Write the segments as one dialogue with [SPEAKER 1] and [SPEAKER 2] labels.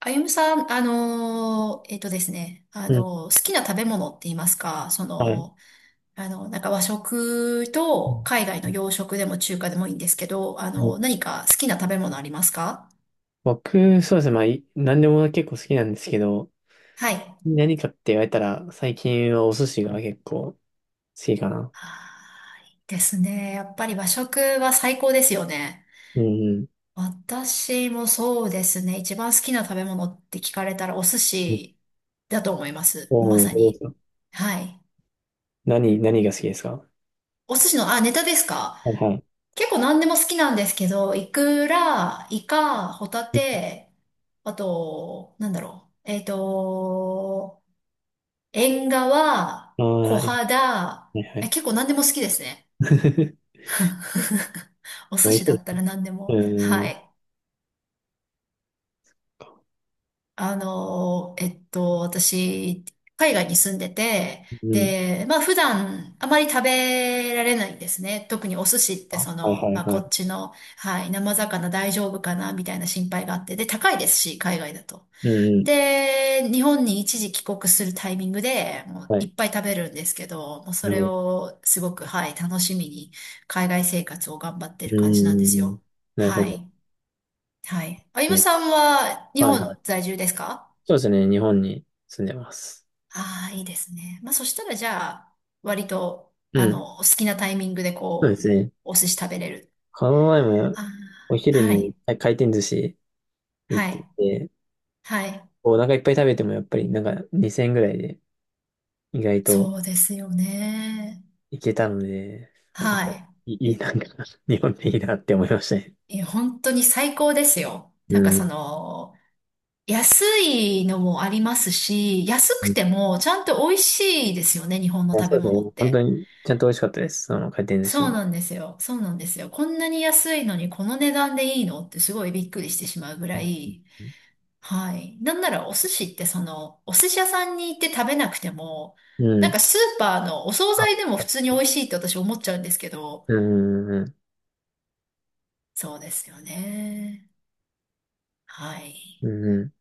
[SPEAKER 1] あゆむさん、あのーえっとですね、
[SPEAKER 2] うん、
[SPEAKER 1] 好きな食べ物って言いますか、
[SPEAKER 2] はい。
[SPEAKER 1] なんか和食
[SPEAKER 2] う
[SPEAKER 1] と
[SPEAKER 2] ん
[SPEAKER 1] 海外の洋食でも中華でもいいんですけど、
[SPEAKER 2] はい。
[SPEAKER 1] 何か好きな食べ物ありますか？
[SPEAKER 2] 僕、そうですね。まあ、何でも結構好きなんですけど、
[SPEAKER 1] はい。
[SPEAKER 2] 何かって言われたら、最近はお寿司が結構好きかな。
[SPEAKER 1] はーいですね。やっぱり和食は最高ですよね。
[SPEAKER 2] うん、
[SPEAKER 1] 私もそうですね。一番好きな食べ物って聞かれたらお寿
[SPEAKER 2] うん。
[SPEAKER 1] 司だと思います。ま
[SPEAKER 2] おお、
[SPEAKER 1] さ
[SPEAKER 2] どうで
[SPEAKER 1] に。
[SPEAKER 2] すか？
[SPEAKER 1] はい。
[SPEAKER 2] 何が好きですか？
[SPEAKER 1] お寿司の、あ、ネタですか？
[SPEAKER 2] はいはい。
[SPEAKER 1] 結構何でも好きなんですけど、イクラ、イカ、ホタテ、あと、なんだろう。縁側、
[SPEAKER 2] ああ
[SPEAKER 1] 小
[SPEAKER 2] は
[SPEAKER 1] 肌、
[SPEAKER 2] いはい。
[SPEAKER 1] 結構何でも好きですね。お
[SPEAKER 2] 美
[SPEAKER 1] 寿
[SPEAKER 2] 味
[SPEAKER 1] 司
[SPEAKER 2] し
[SPEAKER 1] だった
[SPEAKER 2] い。
[SPEAKER 1] ら何でも。
[SPEAKER 2] う
[SPEAKER 1] は
[SPEAKER 2] ん、
[SPEAKER 1] い。私、海外に住んでて、
[SPEAKER 2] うん。
[SPEAKER 1] で、まあ普段あまり食べられないんですね。特にお寿司って
[SPEAKER 2] あ、はいは
[SPEAKER 1] ま
[SPEAKER 2] い
[SPEAKER 1] あ
[SPEAKER 2] は
[SPEAKER 1] こ
[SPEAKER 2] い。
[SPEAKER 1] っちの、はい、生魚大丈夫かなみたいな心配があって、で、高いですし、海外だと。
[SPEAKER 2] うんうん、
[SPEAKER 1] で、日本に一時帰国するタイミングで、もう
[SPEAKER 2] は
[SPEAKER 1] い
[SPEAKER 2] い。
[SPEAKER 1] っぱい食べるんですけど、もうそ
[SPEAKER 2] なる
[SPEAKER 1] れ
[SPEAKER 2] ほど。
[SPEAKER 1] をすごく、はい、楽しみに海外生活を頑張ってる
[SPEAKER 2] う
[SPEAKER 1] 感じなんです
[SPEAKER 2] ん、
[SPEAKER 1] よ。
[SPEAKER 2] なるほ
[SPEAKER 1] は
[SPEAKER 2] どで
[SPEAKER 1] い、はい。あ
[SPEAKER 2] す
[SPEAKER 1] ゆむ
[SPEAKER 2] ね。
[SPEAKER 1] さんは日
[SPEAKER 2] はいはい。
[SPEAKER 1] 本在住ですか？
[SPEAKER 2] そうですね。日本に住んでます。
[SPEAKER 1] ああ、いいですね。まあ、そしたらじゃあ、割と、
[SPEAKER 2] うん。
[SPEAKER 1] 好きなタイミングで
[SPEAKER 2] そうで
[SPEAKER 1] こ
[SPEAKER 2] す
[SPEAKER 1] う、
[SPEAKER 2] ね。
[SPEAKER 1] お寿司食べれる。
[SPEAKER 2] この前も
[SPEAKER 1] ああ、
[SPEAKER 2] お昼
[SPEAKER 1] は
[SPEAKER 2] に
[SPEAKER 1] い、
[SPEAKER 2] 回転寿司行っ
[SPEAKER 1] は
[SPEAKER 2] て
[SPEAKER 1] い、
[SPEAKER 2] て、
[SPEAKER 1] はい。
[SPEAKER 2] お腹いっぱい食べてもやっぱりなんか2000円ぐらいで意外と
[SPEAKER 1] そうですよね。
[SPEAKER 2] いけたので、あ、やっぱい
[SPEAKER 1] は
[SPEAKER 2] いいなんか 日本でいいなって思いましたね。
[SPEAKER 1] い。いや、本当に最高ですよ。
[SPEAKER 2] う
[SPEAKER 1] なんか
[SPEAKER 2] ん。
[SPEAKER 1] 安いのもありますし、安
[SPEAKER 2] う
[SPEAKER 1] く
[SPEAKER 2] ん、
[SPEAKER 1] てもちゃんと美味しいですよね、日本
[SPEAKER 2] い
[SPEAKER 1] の
[SPEAKER 2] や
[SPEAKER 1] 食
[SPEAKER 2] そ
[SPEAKER 1] べ
[SPEAKER 2] うです
[SPEAKER 1] 物
[SPEAKER 2] ね。
[SPEAKER 1] っ
[SPEAKER 2] 本当
[SPEAKER 1] て。
[SPEAKER 2] にちゃんと美味しかったです。その回転寿司
[SPEAKER 1] そう
[SPEAKER 2] も。
[SPEAKER 1] なんですよ。そうなんですよ。こんなに安いのにこの値段でいいのってすごいびっくりしてしまうぐ
[SPEAKER 2] う
[SPEAKER 1] らい。
[SPEAKER 2] ん。
[SPEAKER 1] はい。なんならお寿司ってお寿司屋さんに行って食べなくても、
[SPEAKER 2] う
[SPEAKER 1] なん
[SPEAKER 2] ん。
[SPEAKER 1] かスーパーのお惣
[SPEAKER 2] あ、
[SPEAKER 1] 菜でも普通に美味しいって私思っちゃうんですけど、
[SPEAKER 2] うんうんうん。
[SPEAKER 1] そうですよね。は
[SPEAKER 2] う
[SPEAKER 1] い。
[SPEAKER 2] ん、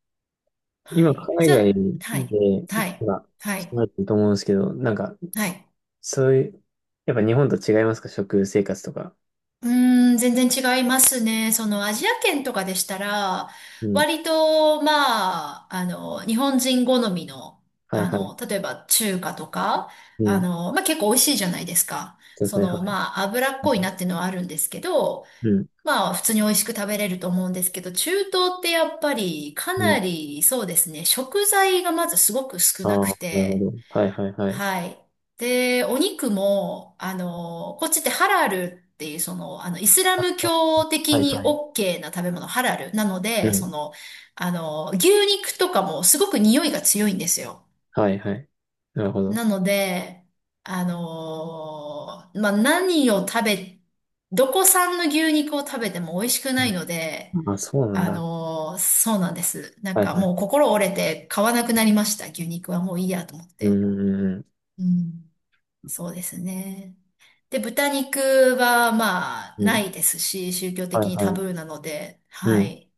[SPEAKER 1] は
[SPEAKER 2] 今、
[SPEAKER 1] い。
[SPEAKER 2] 海
[SPEAKER 1] じゃ
[SPEAKER 2] 外
[SPEAKER 1] あ、は
[SPEAKER 2] で、
[SPEAKER 1] い。はい。
[SPEAKER 2] 今、
[SPEAKER 1] は
[SPEAKER 2] 住ま
[SPEAKER 1] い。
[SPEAKER 2] れてると思うんですけど、なんか、
[SPEAKER 1] はい。
[SPEAKER 2] そういう、やっぱ日本と違いますか、食生活とか。
[SPEAKER 1] うーん、全然違いますね。そのアジア圏とかでしたら、
[SPEAKER 2] うん
[SPEAKER 1] 割と、まあ、日本人好みの、
[SPEAKER 2] はいはい。
[SPEAKER 1] 例えば中華とか、
[SPEAKER 2] うん。
[SPEAKER 1] まあ結構美味しいじゃないですか。
[SPEAKER 2] そうですね、はい。
[SPEAKER 1] まあ、脂っ
[SPEAKER 2] う
[SPEAKER 1] こい
[SPEAKER 2] ん。
[SPEAKER 1] なっていうのはあるんですけど、
[SPEAKER 2] うん。
[SPEAKER 1] まあ、普通に美味しく食べれると思うんですけど、中東ってやっぱりか
[SPEAKER 2] うん、
[SPEAKER 1] なり、そうですね、食材がまずすごく少なく
[SPEAKER 2] ああー、なるほ
[SPEAKER 1] て、
[SPEAKER 2] ど。はいはいはい。
[SPEAKER 1] はい。で、お肉も、こっちってハラルっていう、イスラム教
[SPEAKER 2] は
[SPEAKER 1] 的
[SPEAKER 2] い
[SPEAKER 1] に
[SPEAKER 2] はい。
[SPEAKER 1] OK な食べ物、ハラル。なの
[SPEAKER 2] う
[SPEAKER 1] で、
[SPEAKER 2] ん。
[SPEAKER 1] 牛肉とかもすごく匂いが強いんですよ。
[SPEAKER 2] はいはい。なるほど。
[SPEAKER 1] なので、まあ、何を食べ、どこ産の牛肉を食べても美味しくないの
[SPEAKER 2] う
[SPEAKER 1] で、
[SPEAKER 2] ん、あ、そうなんだ。
[SPEAKER 1] そうなんです。なん
[SPEAKER 2] はい
[SPEAKER 1] か
[SPEAKER 2] は
[SPEAKER 1] もう
[SPEAKER 2] い。
[SPEAKER 1] 心折れて買わなくなりました。牛肉はもういいやと思っ
[SPEAKER 2] うん
[SPEAKER 1] て。
[SPEAKER 2] うんうん。
[SPEAKER 1] うん、そうですね。で、豚肉はまあ
[SPEAKER 2] う
[SPEAKER 1] な
[SPEAKER 2] ん。
[SPEAKER 1] いですし、宗教
[SPEAKER 2] はい
[SPEAKER 1] 的にタ
[SPEAKER 2] はい。
[SPEAKER 1] ブーなので、
[SPEAKER 2] う
[SPEAKER 1] は
[SPEAKER 2] ん。
[SPEAKER 1] い。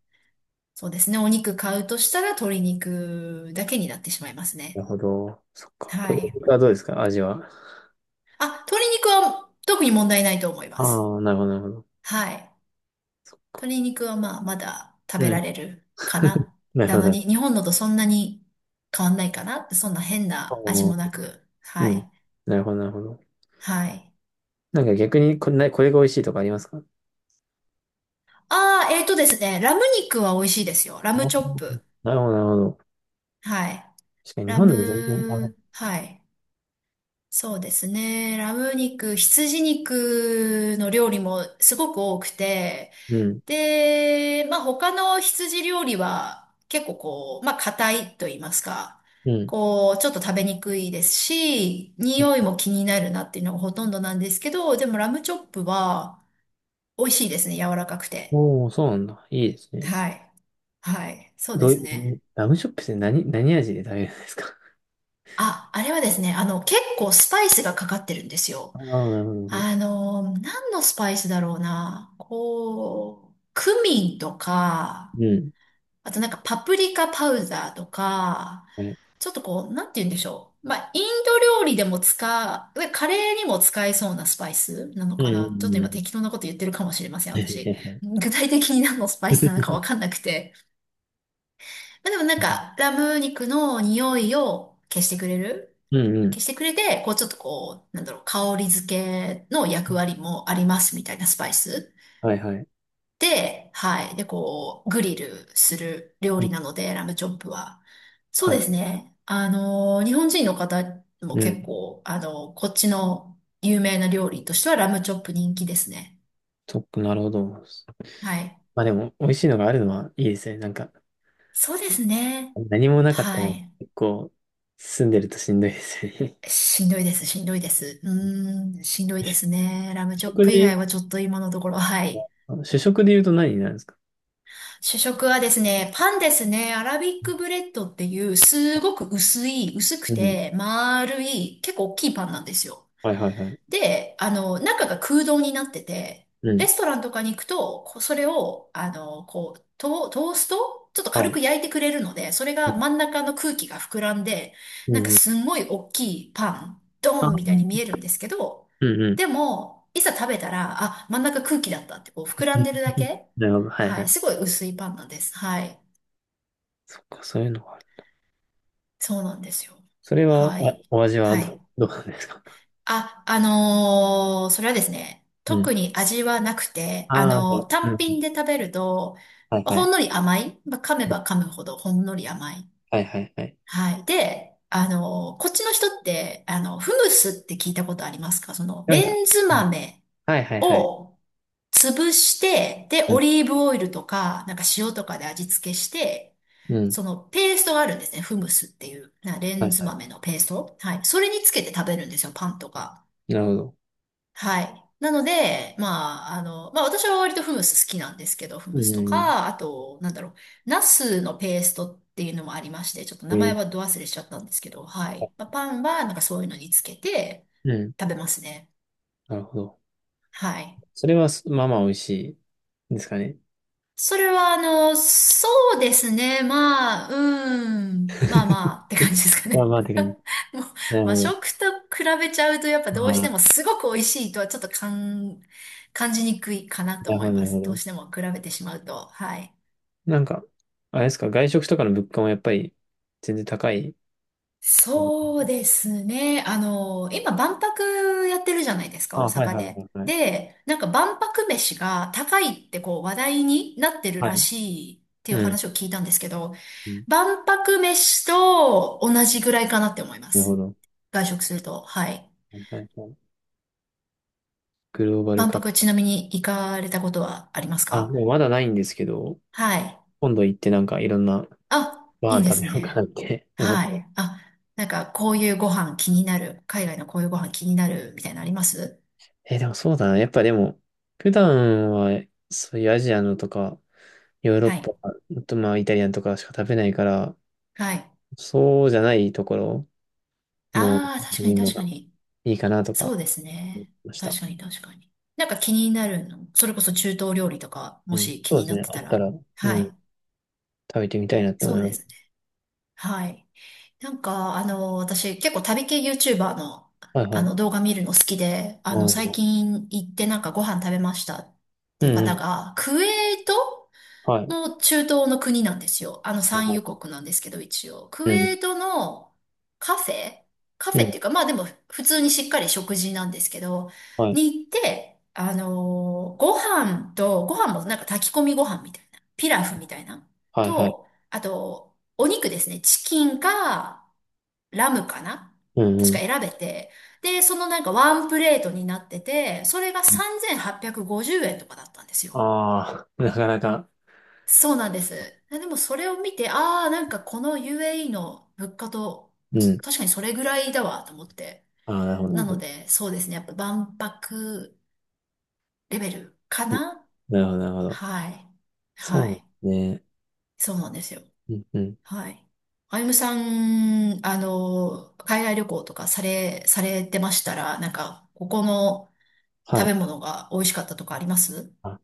[SPEAKER 1] そうですね。お肉買うとしたら鶏肉だけになってしまいます
[SPEAKER 2] な
[SPEAKER 1] ね。
[SPEAKER 2] るほど。そっか。
[SPEAKER 1] は
[SPEAKER 2] 鶏
[SPEAKER 1] い。
[SPEAKER 2] 肉はどうですか、味は。
[SPEAKER 1] あ、鶏肉は特に問題ないと思います。
[SPEAKER 2] ああ、なるほどなるほど。
[SPEAKER 1] はい。
[SPEAKER 2] そっか。
[SPEAKER 1] 鶏肉はまあまだ食
[SPEAKER 2] う
[SPEAKER 1] べら
[SPEAKER 2] ん。
[SPEAKER 1] れるかな。
[SPEAKER 2] なるほ
[SPEAKER 1] な
[SPEAKER 2] ど
[SPEAKER 1] の
[SPEAKER 2] なる
[SPEAKER 1] に、日本のとそんなに変わんないかな。そんな変
[SPEAKER 2] ほ
[SPEAKER 1] な味
[SPEAKER 2] ど。
[SPEAKER 1] も
[SPEAKER 2] あ
[SPEAKER 1] な
[SPEAKER 2] ー
[SPEAKER 1] く。
[SPEAKER 2] う
[SPEAKER 1] は
[SPEAKER 2] ん。
[SPEAKER 1] い。
[SPEAKER 2] なるほどなるほど。
[SPEAKER 1] はい。
[SPEAKER 2] なんか逆にこれが美味しいとかありますか？
[SPEAKER 1] ああ、えーとですね。ラム肉は美味しいですよ。ラ
[SPEAKER 2] あ
[SPEAKER 1] ム
[SPEAKER 2] ー、
[SPEAKER 1] チョップ。
[SPEAKER 2] なるほどなるほど。
[SPEAKER 1] はい。
[SPEAKER 2] 確かに日
[SPEAKER 1] ラ
[SPEAKER 2] 本でも全然食べない。
[SPEAKER 1] ム、はい。そうですね。ラム肉、羊肉の料理もすごく多くて、
[SPEAKER 2] うん。
[SPEAKER 1] で、まあ他の羊料理は結構こう、まあ硬いと言いますか、
[SPEAKER 2] うん。
[SPEAKER 1] こう、ちょっと食べにくいですし、匂いも気になるなっていうのがほとんどなんですけど、でもラムチョップは美味しいですね。柔らかくて。
[SPEAKER 2] おお、そうなんだ。いいですね。
[SPEAKER 1] はい。はい。そうで
[SPEAKER 2] どう
[SPEAKER 1] す
[SPEAKER 2] いう、
[SPEAKER 1] ね。
[SPEAKER 2] ラムチョップって何味で食べるんですか？
[SPEAKER 1] あ、あれはですね、結構スパイスがかかってるんですよ。
[SPEAKER 2] あ あー、なるほど。なるほど。
[SPEAKER 1] 何のスパイスだろうな。こう、クミンとか、
[SPEAKER 2] うん。
[SPEAKER 1] あとなんかパプリカパウダーとか、
[SPEAKER 2] はい。
[SPEAKER 1] ちょっとこう、なんて言うんでしょう。まあ、インド料理でも使う、カレーにも使えそうなスパイスなの
[SPEAKER 2] うん、
[SPEAKER 1] か
[SPEAKER 2] う
[SPEAKER 1] な。ちょっと
[SPEAKER 2] ん、う
[SPEAKER 1] 今
[SPEAKER 2] ん。
[SPEAKER 1] 適当なこと言ってるかもしれません、私。具体的に何のスパイスなのかわかんなくて。まあ、でもなんか、ラム肉の匂いを消してくれる
[SPEAKER 2] うんうん。
[SPEAKER 1] 消してくれて、こうちょっとこう、なんだろう、香り付けの役割もありますみたいなスパイス。
[SPEAKER 2] はいはい。
[SPEAKER 1] で、はい。で、こう、グリルする料
[SPEAKER 2] うん
[SPEAKER 1] 理なので、ラムチョップは。そう
[SPEAKER 2] は
[SPEAKER 1] で
[SPEAKER 2] い。
[SPEAKER 1] すね。日本人の方も
[SPEAKER 2] う
[SPEAKER 1] 結
[SPEAKER 2] ん。
[SPEAKER 1] 構、こっちの有名な料理としてはラムチョップ人気ですね。
[SPEAKER 2] そっか、なるほど。ま
[SPEAKER 1] はい。
[SPEAKER 2] あでも、美味しいのがあるのはいいですね。なんか、
[SPEAKER 1] そうですね。
[SPEAKER 2] 何もなかった
[SPEAKER 1] は
[SPEAKER 2] ら
[SPEAKER 1] い。
[SPEAKER 2] 結構、住んでるとしんどいですよね。
[SPEAKER 1] しんどいです、しんどいです。う ーん、しんどいですね。ラムチ
[SPEAKER 2] 主
[SPEAKER 1] ョッ
[SPEAKER 2] 食
[SPEAKER 1] プ以外
[SPEAKER 2] で
[SPEAKER 1] はちょっと今のところ、はい。
[SPEAKER 2] 主食で言うと何になるんですか？
[SPEAKER 1] 主食はですね、パンですね。アラビックブレッドっていう、すごく薄い、薄く
[SPEAKER 2] うん。
[SPEAKER 1] て、丸い、結構大きいパンなんですよ。
[SPEAKER 2] はいはいはい。
[SPEAKER 1] で、中が空洞になってて、
[SPEAKER 2] う
[SPEAKER 1] レ
[SPEAKER 2] ん。
[SPEAKER 1] ストランとかに行くと、こうそれを、こう、トーストちょっと
[SPEAKER 2] は
[SPEAKER 1] 軽
[SPEAKER 2] い。
[SPEAKER 1] く焼いてくれるので、それ
[SPEAKER 2] うん。
[SPEAKER 1] が真ん中の空気が膨らんで、
[SPEAKER 2] う
[SPEAKER 1] なんか
[SPEAKER 2] ん。
[SPEAKER 1] すんごい大きいパン、
[SPEAKER 2] あ
[SPEAKER 1] ドーンみたいに
[SPEAKER 2] あ。
[SPEAKER 1] 見えるんですけど、
[SPEAKER 2] うんうん。
[SPEAKER 1] でも、いざ食べたら、あ、真ん中空気だったって、こう膨らんでるだ け。
[SPEAKER 2] なるほど。はい
[SPEAKER 1] は
[SPEAKER 2] は
[SPEAKER 1] い。
[SPEAKER 2] い。
[SPEAKER 1] すごい薄いパンなんです。はい。
[SPEAKER 2] そっか、そういうのがある。
[SPEAKER 1] そうなんですよ。
[SPEAKER 2] それは、
[SPEAKER 1] は
[SPEAKER 2] あ、
[SPEAKER 1] い。
[SPEAKER 2] お味は
[SPEAKER 1] はい。
[SPEAKER 2] どうなんですか？
[SPEAKER 1] あ、それはですね、
[SPEAKER 2] うん。
[SPEAKER 1] 特に味はなくて、
[SPEAKER 2] ああ、う
[SPEAKER 1] 単
[SPEAKER 2] ん。
[SPEAKER 1] 品で食べると、
[SPEAKER 2] はいは
[SPEAKER 1] ほん
[SPEAKER 2] い。
[SPEAKER 1] のり甘い、まあ、噛め
[SPEAKER 2] うん
[SPEAKER 1] ば噛むほどほんのり甘い。
[SPEAKER 2] はいはいはい。
[SPEAKER 1] はい。で、こっちの人って、フムスって聞いたことありますか？
[SPEAKER 2] なんか、
[SPEAKER 1] レンズ
[SPEAKER 2] うん
[SPEAKER 1] 豆
[SPEAKER 2] はいはいはい。
[SPEAKER 1] を潰して、で、
[SPEAKER 2] う
[SPEAKER 1] オ
[SPEAKER 2] ん。
[SPEAKER 1] リーブオイルとか、なんか塩とかで味付けして、
[SPEAKER 2] うん。
[SPEAKER 1] そのペーストがあるんですね。フムスっていう、なレ
[SPEAKER 2] は
[SPEAKER 1] ン
[SPEAKER 2] い
[SPEAKER 1] ズ
[SPEAKER 2] は
[SPEAKER 1] 豆のペースト。はい。それにつけて食べるんですよ、パンとか。
[SPEAKER 2] い。なるほど。
[SPEAKER 1] はい。なので、まあ、まあ私は割とフムス好きなんですけど、フ
[SPEAKER 2] う
[SPEAKER 1] ムスと
[SPEAKER 2] ん。
[SPEAKER 1] か、あと、なんだろう、ナスのペーストっていうのもありまして、ちょっと
[SPEAKER 2] え
[SPEAKER 1] 名前
[SPEAKER 2] ー
[SPEAKER 1] はど忘れしちゃったんですけど、はい。まあ、パンはなんかそういうのにつけて
[SPEAKER 2] うん。
[SPEAKER 1] 食べますね。
[SPEAKER 2] なるほど。
[SPEAKER 1] はい。
[SPEAKER 2] それは、す、まあまあ美味しいですかね。
[SPEAKER 1] それは、そうですね。まあ、うん。まあまあ、って感じですか
[SPEAKER 2] まあ
[SPEAKER 1] ね。
[SPEAKER 2] まあ、てか、
[SPEAKER 1] もう、
[SPEAKER 2] なるほ
[SPEAKER 1] 和
[SPEAKER 2] ど。
[SPEAKER 1] 食と比べちゃうと、やっぱどうし
[SPEAKER 2] あ
[SPEAKER 1] て
[SPEAKER 2] あ、
[SPEAKER 1] もすごく美味しいとはちょっと感じにくいかなと
[SPEAKER 2] なるほ
[SPEAKER 1] 思い
[SPEAKER 2] ど、な
[SPEAKER 1] ま
[SPEAKER 2] るほ
[SPEAKER 1] す。どう
[SPEAKER 2] ど。
[SPEAKER 1] しても比べてしまうと。はい。
[SPEAKER 2] なんか、あれですか、外食とかの物価もやっぱり全然高い。
[SPEAKER 1] そうですね。今、万博やってるじゃないですか、
[SPEAKER 2] あ、
[SPEAKER 1] 大
[SPEAKER 2] はい
[SPEAKER 1] 阪
[SPEAKER 2] はいは
[SPEAKER 1] で。
[SPEAKER 2] いはい。
[SPEAKER 1] で、なんか万博飯が高いってこう話題になってる
[SPEAKER 2] は
[SPEAKER 1] ら
[SPEAKER 2] い。
[SPEAKER 1] しいっていう
[SPEAKER 2] うん。
[SPEAKER 1] 話を聞いたんですけど、
[SPEAKER 2] うん
[SPEAKER 1] 万博飯と同じぐらいかなって思いま
[SPEAKER 2] なるほ
[SPEAKER 1] す。
[SPEAKER 2] ど。
[SPEAKER 1] 外食すると。はい。
[SPEAKER 2] はいはいはい。グローバル
[SPEAKER 1] 万
[SPEAKER 2] 化。
[SPEAKER 1] 博ちなみに行かれたことはあります
[SPEAKER 2] あ、
[SPEAKER 1] か？
[SPEAKER 2] もうまだないんですけど、
[SPEAKER 1] はい。
[SPEAKER 2] 今度行ってなんかいろんな
[SPEAKER 1] あ、
[SPEAKER 2] ご
[SPEAKER 1] いい
[SPEAKER 2] 飯
[SPEAKER 1] で
[SPEAKER 2] 食べ
[SPEAKER 1] す
[SPEAKER 2] ようかな
[SPEAKER 1] ね。
[SPEAKER 2] って 思っ
[SPEAKER 1] は
[SPEAKER 2] て。
[SPEAKER 1] い。あ、なんかこういうご飯気になる。海外のこういうご飯気になるみたいなのあります？
[SPEAKER 2] え、でもそうだな。やっぱでも、普段はそういうアジアのとか、ヨーロッ
[SPEAKER 1] は
[SPEAKER 2] パ、
[SPEAKER 1] い。
[SPEAKER 2] あとまあイタリアンとかしか食べないから、
[SPEAKER 1] はい。
[SPEAKER 2] そうじゃないところの
[SPEAKER 1] ああ、確か
[SPEAKER 2] 見
[SPEAKER 1] に
[SPEAKER 2] るの
[SPEAKER 1] 確
[SPEAKER 2] が
[SPEAKER 1] かに。
[SPEAKER 2] いいかなと
[SPEAKER 1] そ
[SPEAKER 2] か
[SPEAKER 1] うです
[SPEAKER 2] 思い
[SPEAKER 1] ね。
[SPEAKER 2] ました。
[SPEAKER 1] 確かに確かに。なんか気になるの。それこそ中東料理とか、
[SPEAKER 2] う
[SPEAKER 1] も
[SPEAKER 2] ん。
[SPEAKER 1] し気
[SPEAKER 2] そうで
[SPEAKER 1] に
[SPEAKER 2] す
[SPEAKER 1] なっ
[SPEAKER 2] ね。
[SPEAKER 1] て
[SPEAKER 2] あ
[SPEAKER 1] た
[SPEAKER 2] ったら、
[SPEAKER 1] ら。は
[SPEAKER 2] うん。
[SPEAKER 1] い。
[SPEAKER 2] 食べてみたいなって
[SPEAKER 1] そ
[SPEAKER 2] 思
[SPEAKER 1] う
[SPEAKER 2] いま
[SPEAKER 1] で
[SPEAKER 2] す。
[SPEAKER 1] すね。はい。なんか、私結構旅系 YouTuber の、
[SPEAKER 2] はいは
[SPEAKER 1] あ
[SPEAKER 2] い。
[SPEAKER 1] の動画見るの好きで、
[SPEAKER 2] あ
[SPEAKER 1] 最
[SPEAKER 2] ー
[SPEAKER 1] 近行ってなんかご飯食べましたっ
[SPEAKER 2] う
[SPEAKER 1] ていう
[SPEAKER 2] んう
[SPEAKER 1] 方
[SPEAKER 2] ん。
[SPEAKER 1] が、クウェート
[SPEAKER 2] はい。
[SPEAKER 1] の中東の国なんですよ。あの
[SPEAKER 2] はい
[SPEAKER 1] 産
[SPEAKER 2] はい、
[SPEAKER 1] 油国なんですけど、一応。クウ
[SPEAKER 2] う
[SPEAKER 1] ェ
[SPEAKER 2] ん。
[SPEAKER 1] ートのカフェカフ
[SPEAKER 2] う
[SPEAKER 1] ェっ
[SPEAKER 2] ん。
[SPEAKER 1] ていうか、まあでも普通にしっかり食事なんですけど、
[SPEAKER 2] はい。
[SPEAKER 1] に行って、ご飯もなんか炊き込みご飯みたいな、ピラフみたいな、
[SPEAKER 2] はいはい。
[SPEAKER 1] と、あと、お肉ですね。チキンか、ラムかな
[SPEAKER 2] うん
[SPEAKER 1] 確か
[SPEAKER 2] う
[SPEAKER 1] 選べて。で、なんかワンプレートになってて、それが
[SPEAKER 2] ん。
[SPEAKER 1] 3850円とかだったんですよ。
[SPEAKER 2] ああ、なかなか。
[SPEAKER 1] そうなんです。でもそれを見て、ああ、なんかこの UAE の物価と、
[SPEAKER 2] うん。
[SPEAKER 1] 確かにそれぐらいだわと思って。
[SPEAKER 2] ああ、なるほど、なる
[SPEAKER 1] な
[SPEAKER 2] ほ
[SPEAKER 1] の
[SPEAKER 2] ど。
[SPEAKER 1] で、そうですね。やっぱ万博レベルか
[SPEAKER 2] うん、
[SPEAKER 1] な。
[SPEAKER 2] なるほど、なるほど。
[SPEAKER 1] はい。は
[SPEAKER 2] そ
[SPEAKER 1] い。
[SPEAKER 2] うね。
[SPEAKER 1] そうなんですよ。
[SPEAKER 2] うんうん。
[SPEAKER 1] はい。あゆむさん、海外旅行とかされてましたら、なんか、ここの、
[SPEAKER 2] は
[SPEAKER 1] 食べ
[SPEAKER 2] い。
[SPEAKER 1] 物が美味しかったとかあります？
[SPEAKER 2] あ、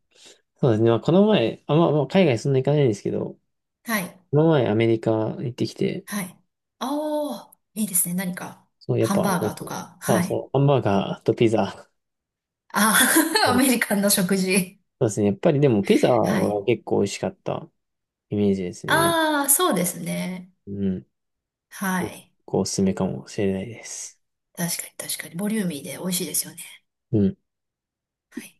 [SPEAKER 2] そうですね。まあ、この前、あ、まあ、まあ海外そんな行かないんですけど、
[SPEAKER 1] はい。
[SPEAKER 2] この前アメリカ行ってきて、
[SPEAKER 1] はい。ああ、いいですね。何か、
[SPEAKER 2] そう、やっ
[SPEAKER 1] ハン
[SPEAKER 2] ぱ、
[SPEAKER 1] バーガーとか。
[SPEAKER 2] まあ、
[SPEAKER 1] はい。
[SPEAKER 2] そう、ハンバーガーとピザ。
[SPEAKER 1] ああ、
[SPEAKER 2] う
[SPEAKER 1] ア
[SPEAKER 2] ん
[SPEAKER 1] メ リカンの食事。
[SPEAKER 2] そうですね。やっぱりでもピザ
[SPEAKER 1] はい。
[SPEAKER 2] は結構美味しかったイメージですね。
[SPEAKER 1] ああ、そうですね。
[SPEAKER 2] うん。
[SPEAKER 1] はい。
[SPEAKER 2] こう、おすすめかもしれないです。
[SPEAKER 1] 確かに確かに。ボリューミーで美味しいですよね。
[SPEAKER 2] うん。
[SPEAKER 1] はい